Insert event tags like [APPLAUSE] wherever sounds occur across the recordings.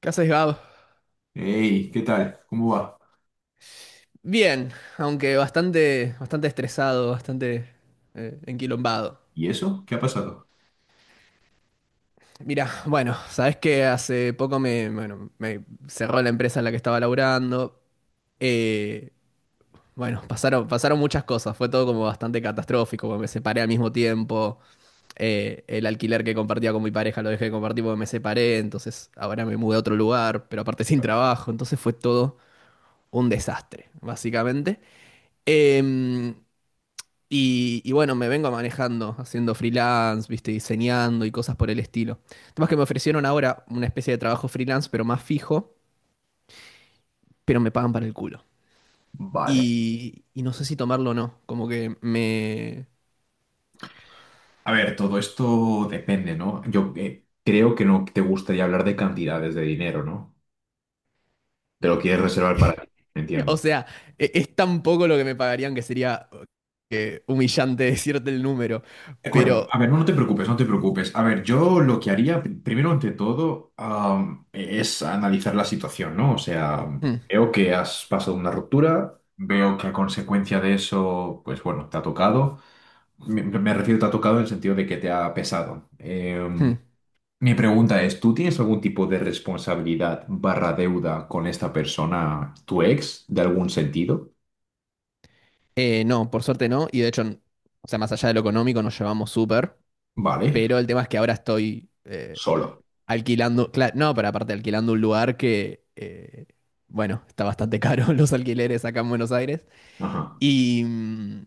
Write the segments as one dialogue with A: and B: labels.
A: ¿Qué haces, Gab?
B: Hey, ¿qué tal? ¿Cómo va?
A: Bien, aunque bastante, bastante estresado, bastante enquilombado.
B: ¿Y eso? ¿Qué ha pasado?
A: Mira, bueno, sabes que hace poco bueno, me cerró la empresa en la que estaba laburando. Eh, bueno, pasaron muchas cosas, fue todo como bastante catastrófico, porque me separé al mismo tiempo. El alquiler que compartía con mi pareja lo dejé de compartir porque me separé, entonces ahora me mudé a otro lugar, pero aparte sin trabajo, entonces fue todo un desastre, básicamente. Em, y bueno, me vengo manejando, haciendo freelance, viste, diseñando y cosas por el estilo. El tema es que me ofrecieron ahora una especie de trabajo freelance, pero más fijo, pero me pagan para el culo.
B: Vale.
A: Y no sé si tomarlo o no, como que me...
B: A ver, todo esto depende, ¿no? Yo creo que no te gustaría hablar de cantidades de dinero, ¿no? Te lo quieres reservar para ti,
A: O
B: entiendo.
A: sea, es tan poco lo que me pagarían que sería humillante [LAUGHS] decirte el número,
B: De acuerdo.
A: pero...
B: A ver, no te preocupes, no te preocupes. A ver, yo lo que haría, primero ante todo, es analizar la situación, ¿no? O sea,
A: mm,
B: veo que has pasado una ruptura, veo que a consecuencia de eso, pues bueno, te ha tocado. Me refiero, te ha tocado en el sentido de que te ha pesado.
A: mm.
B: Mi pregunta es, ¿tú tienes algún tipo de responsabilidad barra deuda con esta persona, tu ex, de algún sentido?
A: No, por suerte no, y de hecho, o sea, más allá de lo económico nos llevamos súper,
B: Vale,
A: pero el tema es que ahora estoy...
B: solo.
A: alquilando, claro, no, pero aparte alquilando un lugar bueno, está bastante caro [LAUGHS] los alquileres acá en Buenos Aires.
B: Ajá.
A: Y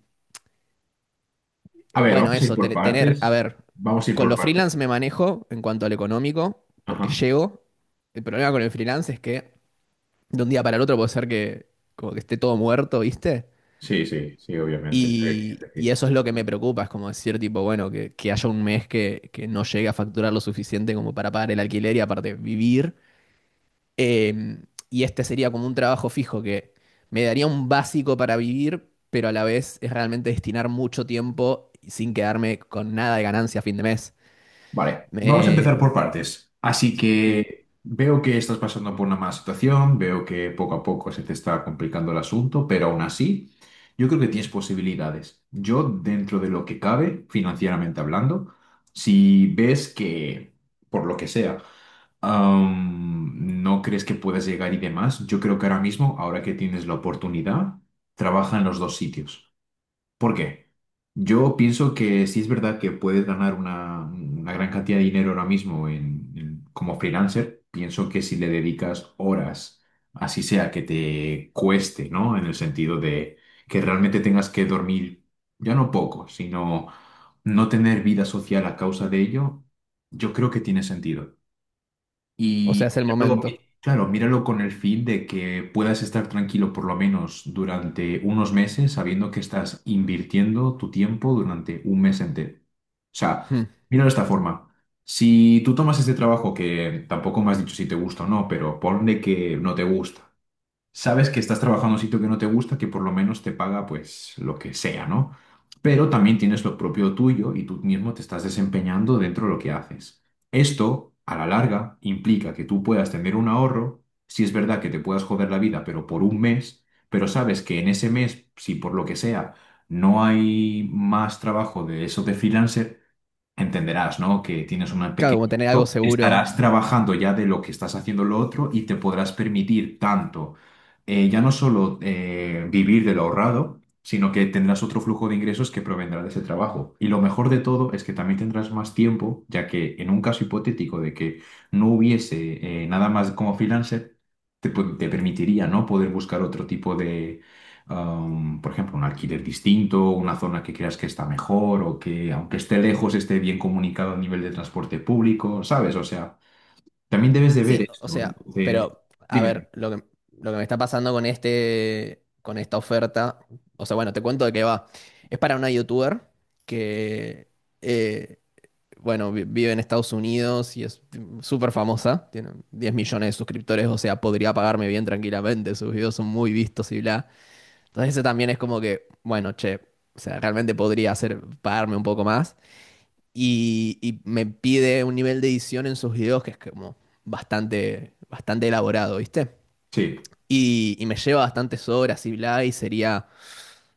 B: A ver,
A: bueno,
B: vamos a ir
A: eso,
B: por
A: tener, a
B: partes.
A: ver,
B: Vamos a ir
A: con
B: por
A: los
B: partes.
A: freelance me manejo en cuanto al económico,
B: Ajá.
A: porque llego. El problema con el freelance es que de un día para el otro puede ser que como que esté todo muerto, ¿viste?
B: Sí, sí, sí, obviamente. Sí, es
A: Y
B: decir.
A: eso es lo que me preocupa, es como decir, tipo, bueno, que haya un mes que no llegue a facturar lo suficiente como para pagar el alquiler y aparte vivir. Eh, y este sería como un trabajo fijo que me daría un básico para vivir, pero a la vez es realmente destinar mucho tiempo sin quedarme con nada de ganancia a fin de mes.
B: Vale, vamos a empezar
A: Me-
B: por partes. Así
A: mm,
B: que veo que estás pasando por una mala situación, veo que poco a poco se te está complicando el asunto, pero aún así, yo creo que tienes posibilidades. Yo, dentro de lo que cabe, financieramente hablando, si ves que, por lo que sea, no crees que puedas llegar y demás, yo creo que ahora mismo, ahora que tienes la oportunidad, trabaja en los dos sitios. ¿Por qué? Yo pienso que sí es verdad que puedes ganar una gran cantidad de dinero ahora mismo como freelancer. Pienso que si le dedicas horas, así sea que te cueste, ¿no? En el sentido de que realmente tengas que dormir, ya no poco, sino no tener vida social a causa de ello, yo creo que tiene sentido.
A: o sea,
B: Y
A: es el
B: míralo,
A: momento.
B: claro, míralo con el fin de que puedas estar tranquilo por lo menos durante unos meses, sabiendo que estás invirtiendo tu tiempo durante un mes entero. O sea,
A: Mm.
B: míralo de esta forma. Si tú tomas este trabajo que tampoco me has dicho si te gusta o no, pero ponle que no te gusta, sabes que estás trabajando en un sitio que no te gusta, que por lo menos te paga pues lo que sea, ¿no? Pero también tienes lo propio tuyo y tú mismo te estás desempeñando dentro de lo que haces. Esto, a la larga, implica que tú puedas tener un ahorro, si es verdad que te puedas joder la vida, pero por un mes, pero sabes que en ese mes, si por lo que sea no hay más trabajo de eso de freelancer, entenderás, ¿no? Que tienes una
A: Claro,
B: pequeña...
A: como tener algo seguro.
B: Estarás trabajando ya de lo que estás haciendo lo otro y te podrás permitir tanto, ya no solo vivir de lo ahorrado, sino que tendrás otro flujo de ingresos que provendrá de ese trabajo. Y lo mejor de todo es que también tendrás más tiempo, ya que en un caso hipotético de que no hubiese nada más como freelancer, te, te permitiría, ¿no? Poder buscar otro tipo de por ejemplo, un alquiler distinto, una zona que creas que está mejor o que aunque esté lejos esté bien comunicado a nivel de transporte público, ¿sabes? O sea, también debes de ver
A: Sí, o
B: esto.
A: sea,
B: Entonces,
A: pero a
B: dime,
A: ver, lo que me está pasando con este, con esta oferta, o sea, bueno, te cuento de qué va. Es para una youtuber que eh, bueno, vive en Estados Unidos y es súper famosa, tiene 10 millones de suscriptores, o sea, podría pagarme bien tranquilamente, sus videos son muy vistos y bla. Entonces ese también es como que, bueno, che, o sea, realmente podría hacer, pagarme un poco más. Y me pide un nivel de edición en sus videos que es como bastante, bastante elaborado, ¿viste?
B: sí,
A: Y me lleva bastantes horas y bla, y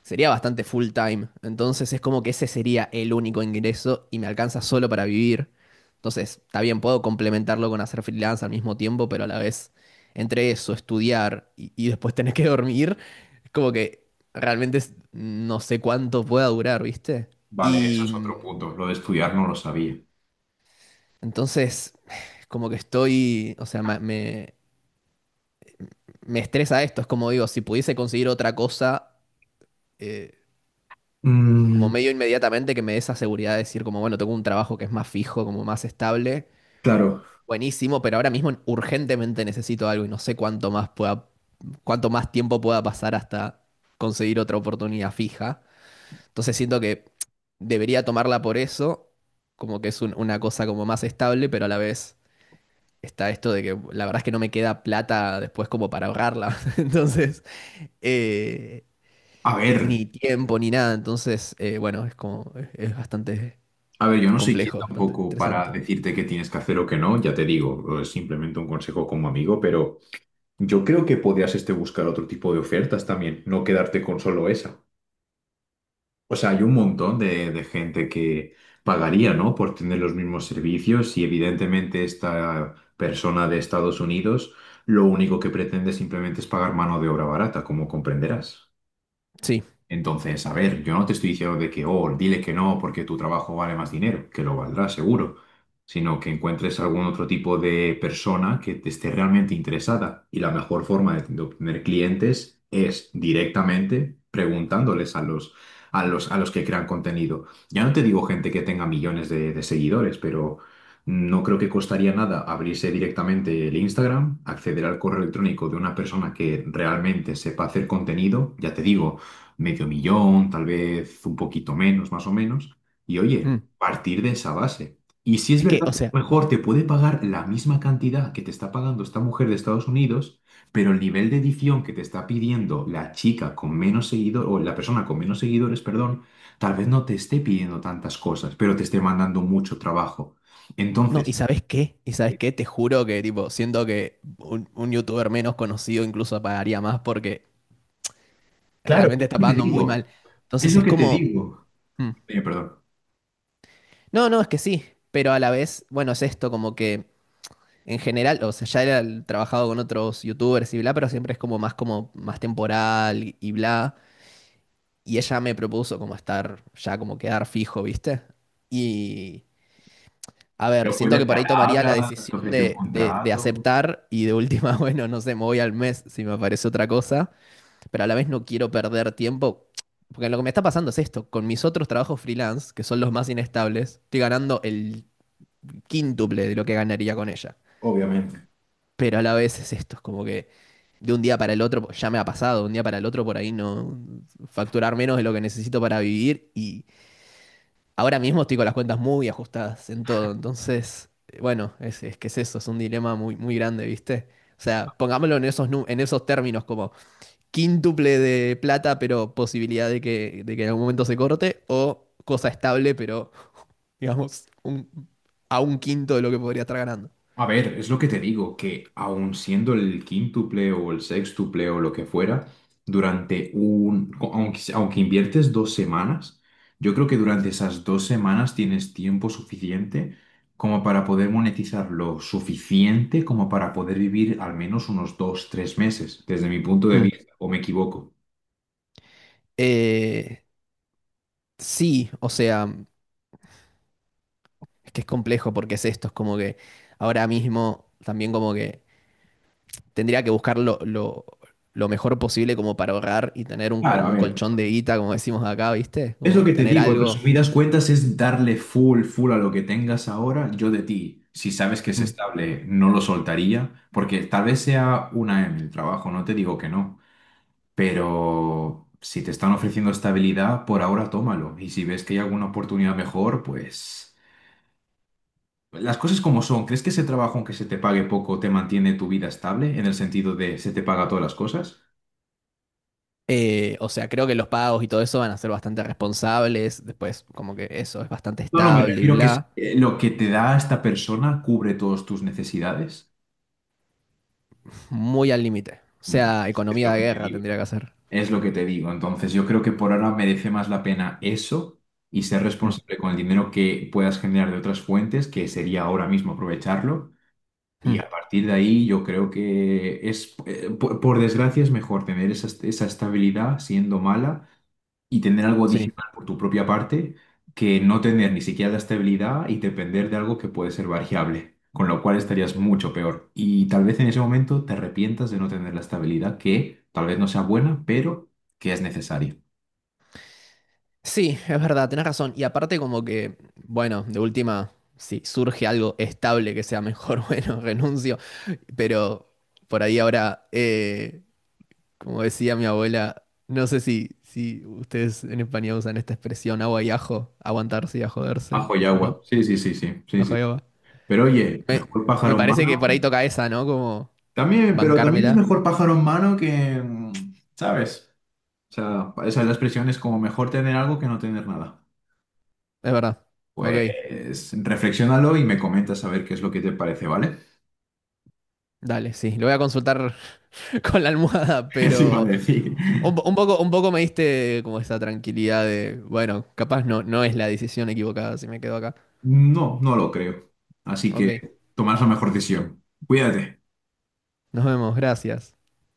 A: sería bastante full time. Entonces es como que ese sería el único ingreso y me alcanza solo para vivir. Entonces, está bien, puedo complementarlo con hacer freelance al mismo tiempo, pero a la vez, entre eso, estudiar y después tener que [LAUGHS] dormir, es como que realmente no sé cuánto pueda durar, ¿viste?
B: vale, eso
A: Y
B: es otro punto. Lo de estudiar no lo sabía.
A: entonces, [SIGHS] como que estoy, o sea, me estresa esto. Es como digo, si pudiese conseguir otra cosa. eh, como
B: Mm,
A: medio inmediatamente que me dé esa seguridad de decir como, bueno, tengo un trabajo que es más fijo, como más estable,
B: claro.
A: buenísimo, pero ahora mismo urgentemente necesito algo y no sé cuánto más pueda, cuánto más tiempo pueda pasar hasta conseguir otra oportunidad fija. Entonces siento que debería tomarla por eso, como que es una cosa como más estable, pero a la vez está esto de que la verdad es que no me queda plata después como para ahorrarla. [LAUGHS] Entonces, eh,
B: A ver,
A: ni tiempo ni nada. Entonces, bueno, es como, es bastante
B: a ver, yo no soy quien
A: complejo, bastante
B: tampoco para
A: estresante.
B: decirte qué tienes que hacer o qué no, ya te digo, es simplemente un consejo como amigo, pero yo creo que podrías este buscar otro tipo de ofertas también, no quedarte con solo esa. O sea, hay un montón de gente que pagaría, ¿no? Por tener los mismos servicios y evidentemente esta persona de Estados Unidos lo único que pretende simplemente es pagar mano de obra barata, como comprenderás.
A: Sí.
B: Entonces, a ver, yo no te estoy diciendo de que, oh, dile que no porque tu trabajo vale más dinero, que lo valdrá seguro, sino que encuentres algún otro tipo de persona que te esté realmente interesada. Y la mejor forma de obtener clientes es directamente preguntándoles a los que crean contenido. Ya no te digo gente que tenga millones de seguidores, pero no creo que costaría nada abrirse directamente el Instagram, acceder al correo electrónico de una persona que realmente sepa hacer contenido, ya te digo medio millón, tal vez un poquito menos, más o menos. Y oye,
A: Mm.
B: partir de esa base. Y si es
A: Es que,
B: verdad
A: o
B: que a lo
A: sea,
B: mejor te puede pagar la misma cantidad que te está pagando esta mujer de Estados Unidos, pero el nivel de edición que te está pidiendo la chica con menos seguidores, o la persona con menos seguidores, perdón, tal vez no te esté pidiendo tantas cosas, pero te esté mandando mucho trabajo.
A: no, ¿y
B: Entonces,
A: sabes qué? ¿Y sabes qué? Te juro que, tipo, siento que un youtuber menos conocido incluso pagaría más porque realmente está
B: ¿qué te
A: pagando muy mal.
B: digo? Es
A: Entonces
B: lo
A: es
B: que te
A: como.
B: digo.
A: Mm.
B: Perdón.
A: No, no, es que sí. Pero a la vez, bueno, es esto, como que en general, o sea, ya era trabajado con otros youtubers y bla, pero siempre es como más temporal y bla. Y ella me propuso como estar ya como quedar fijo, ¿viste? Y a ver,
B: Pero fue
A: siento
B: de
A: que por ahí tomaría la
B: palabra, te
A: decisión
B: ofreció un
A: de
B: contrato.
A: aceptar y de última, [LAUGHS] bueno, no sé, me voy al mes si me aparece otra cosa, pero a la vez no quiero perder tiempo, porque lo que me está pasando es esto, con mis otros trabajos freelance, que son los más inestables, estoy ganando el quíntuple de lo que ganaría con ella,
B: Obviamente.
A: pero a la vez es esto, es como que de un día para el otro, ya me ha pasado, de un día para el otro por ahí no facturar menos de lo que necesito para vivir y ahora mismo estoy con las cuentas muy ajustadas en todo, entonces, bueno, es que es eso, es un dilema muy, muy grande, ¿viste? O sea, pongámoslo en esos, en esos términos, como quíntuple de plata, pero posibilidad de de que en algún momento se corte, o cosa estable, pero digamos, a un quinto de lo que podría estar ganando.
B: A ver, es lo que te digo, que aun siendo el quíntuple o el sextuple o lo que fuera, durante un, aunque inviertes dos semanas, yo creo que durante esas dos semanas tienes tiempo suficiente como para poder monetizar lo suficiente como para poder vivir al menos unos dos, tres meses, desde mi punto de
A: Hmm.
B: vista, o me equivoco.
A: Eh, sí, o sea, es que es complejo porque es esto, es como que ahora mismo también como que tendría que buscar lo mejor posible como para ahorrar y tener un,
B: Claro,
A: como
B: a
A: un
B: ver.
A: colchón de guita, como decimos acá, ¿viste?
B: Es lo
A: Como
B: que te
A: tener
B: digo, en
A: algo.
B: resumidas cuentas es darle full, full a lo que tengas ahora, yo de ti. Si sabes que es
A: Mm.
B: estable, no lo soltaría, porque tal vez sea una en el trabajo, no te digo que no, pero si te están ofreciendo estabilidad, por ahora tómalo. Y si ves que hay alguna oportunidad mejor, pues las cosas como son. ¿Crees que ese trabajo, aunque se te pague poco, te mantiene tu vida estable en el sentido de se te paga todas las cosas?
A: O sea, creo que los pagos y todo eso van a ser bastante responsables. Después, como que eso es bastante
B: No, no, me
A: estable y
B: refiero que si,
A: bla.
B: lo que te da esta persona cubre todas tus necesidades.
A: Muy al límite. O sea,
B: Es
A: economía
B: lo
A: de
B: que te
A: guerra
B: digo.
A: tendría que hacer.
B: Es lo que te digo. Entonces, yo creo que por ahora merece más la pena eso y ser
A: Mm,
B: responsable con el dinero que puedas generar de otras fuentes, que sería ahora mismo aprovecharlo. Y
A: mm.
B: a partir de ahí, yo creo que es, por desgracia, es mejor tener esa estabilidad siendo mala y tener algo
A: Sí.
B: adicional por tu propia parte que no tener ni siquiera la estabilidad y depender de algo que puede ser variable, con lo cual estarías mucho peor. Y tal vez en ese momento te arrepientas de no tener la estabilidad que tal vez no sea buena, pero que es necesaria.
A: Sí, es verdad, tenés razón. Y aparte, como que, bueno, de última, si surge algo estable que sea mejor, [LAUGHS] bueno, renuncio. Pero por ahí ahora, como decía mi abuela, no sé si, si ustedes en España usan esta expresión agua y ajo, aguantarse y a joderse,
B: Bajo y
A: ¿no?
B: agua. Sí, sí, sí, sí, sí,
A: Ajo
B: sí.
A: y agua.
B: Pero oye,
A: Me,
B: mejor
A: me
B: pájaro en
A: parece que por
B: mano.
A: ahí toca esa, ¿no? Como
B: También, pero también es
A: bancármela.
B: mejor pájaro en mano que, ¿sabes? O sea, esa es la expresión, es como mejor tener algo que no tener nada.
A: Es verdad. Ok,
B: Pues reflexiónalo y me comentas a ver qué es lo que te parece, ¿vale?
A: dale, sí. Lo voy a consultar [LAUGHS] con la almohada,
B: [LAUGHS] Eso iba a
A: pero
B: decir.
A: un, un poco me diste como esa tranquilidad de, bueno, capaz no, no es la decisión equivocada si me quedo acá.
B: No, no lo creo. Así
A: Ok,
B: que tomarás la mejor decisión. Cuídate.
A: nos vemos, gracias.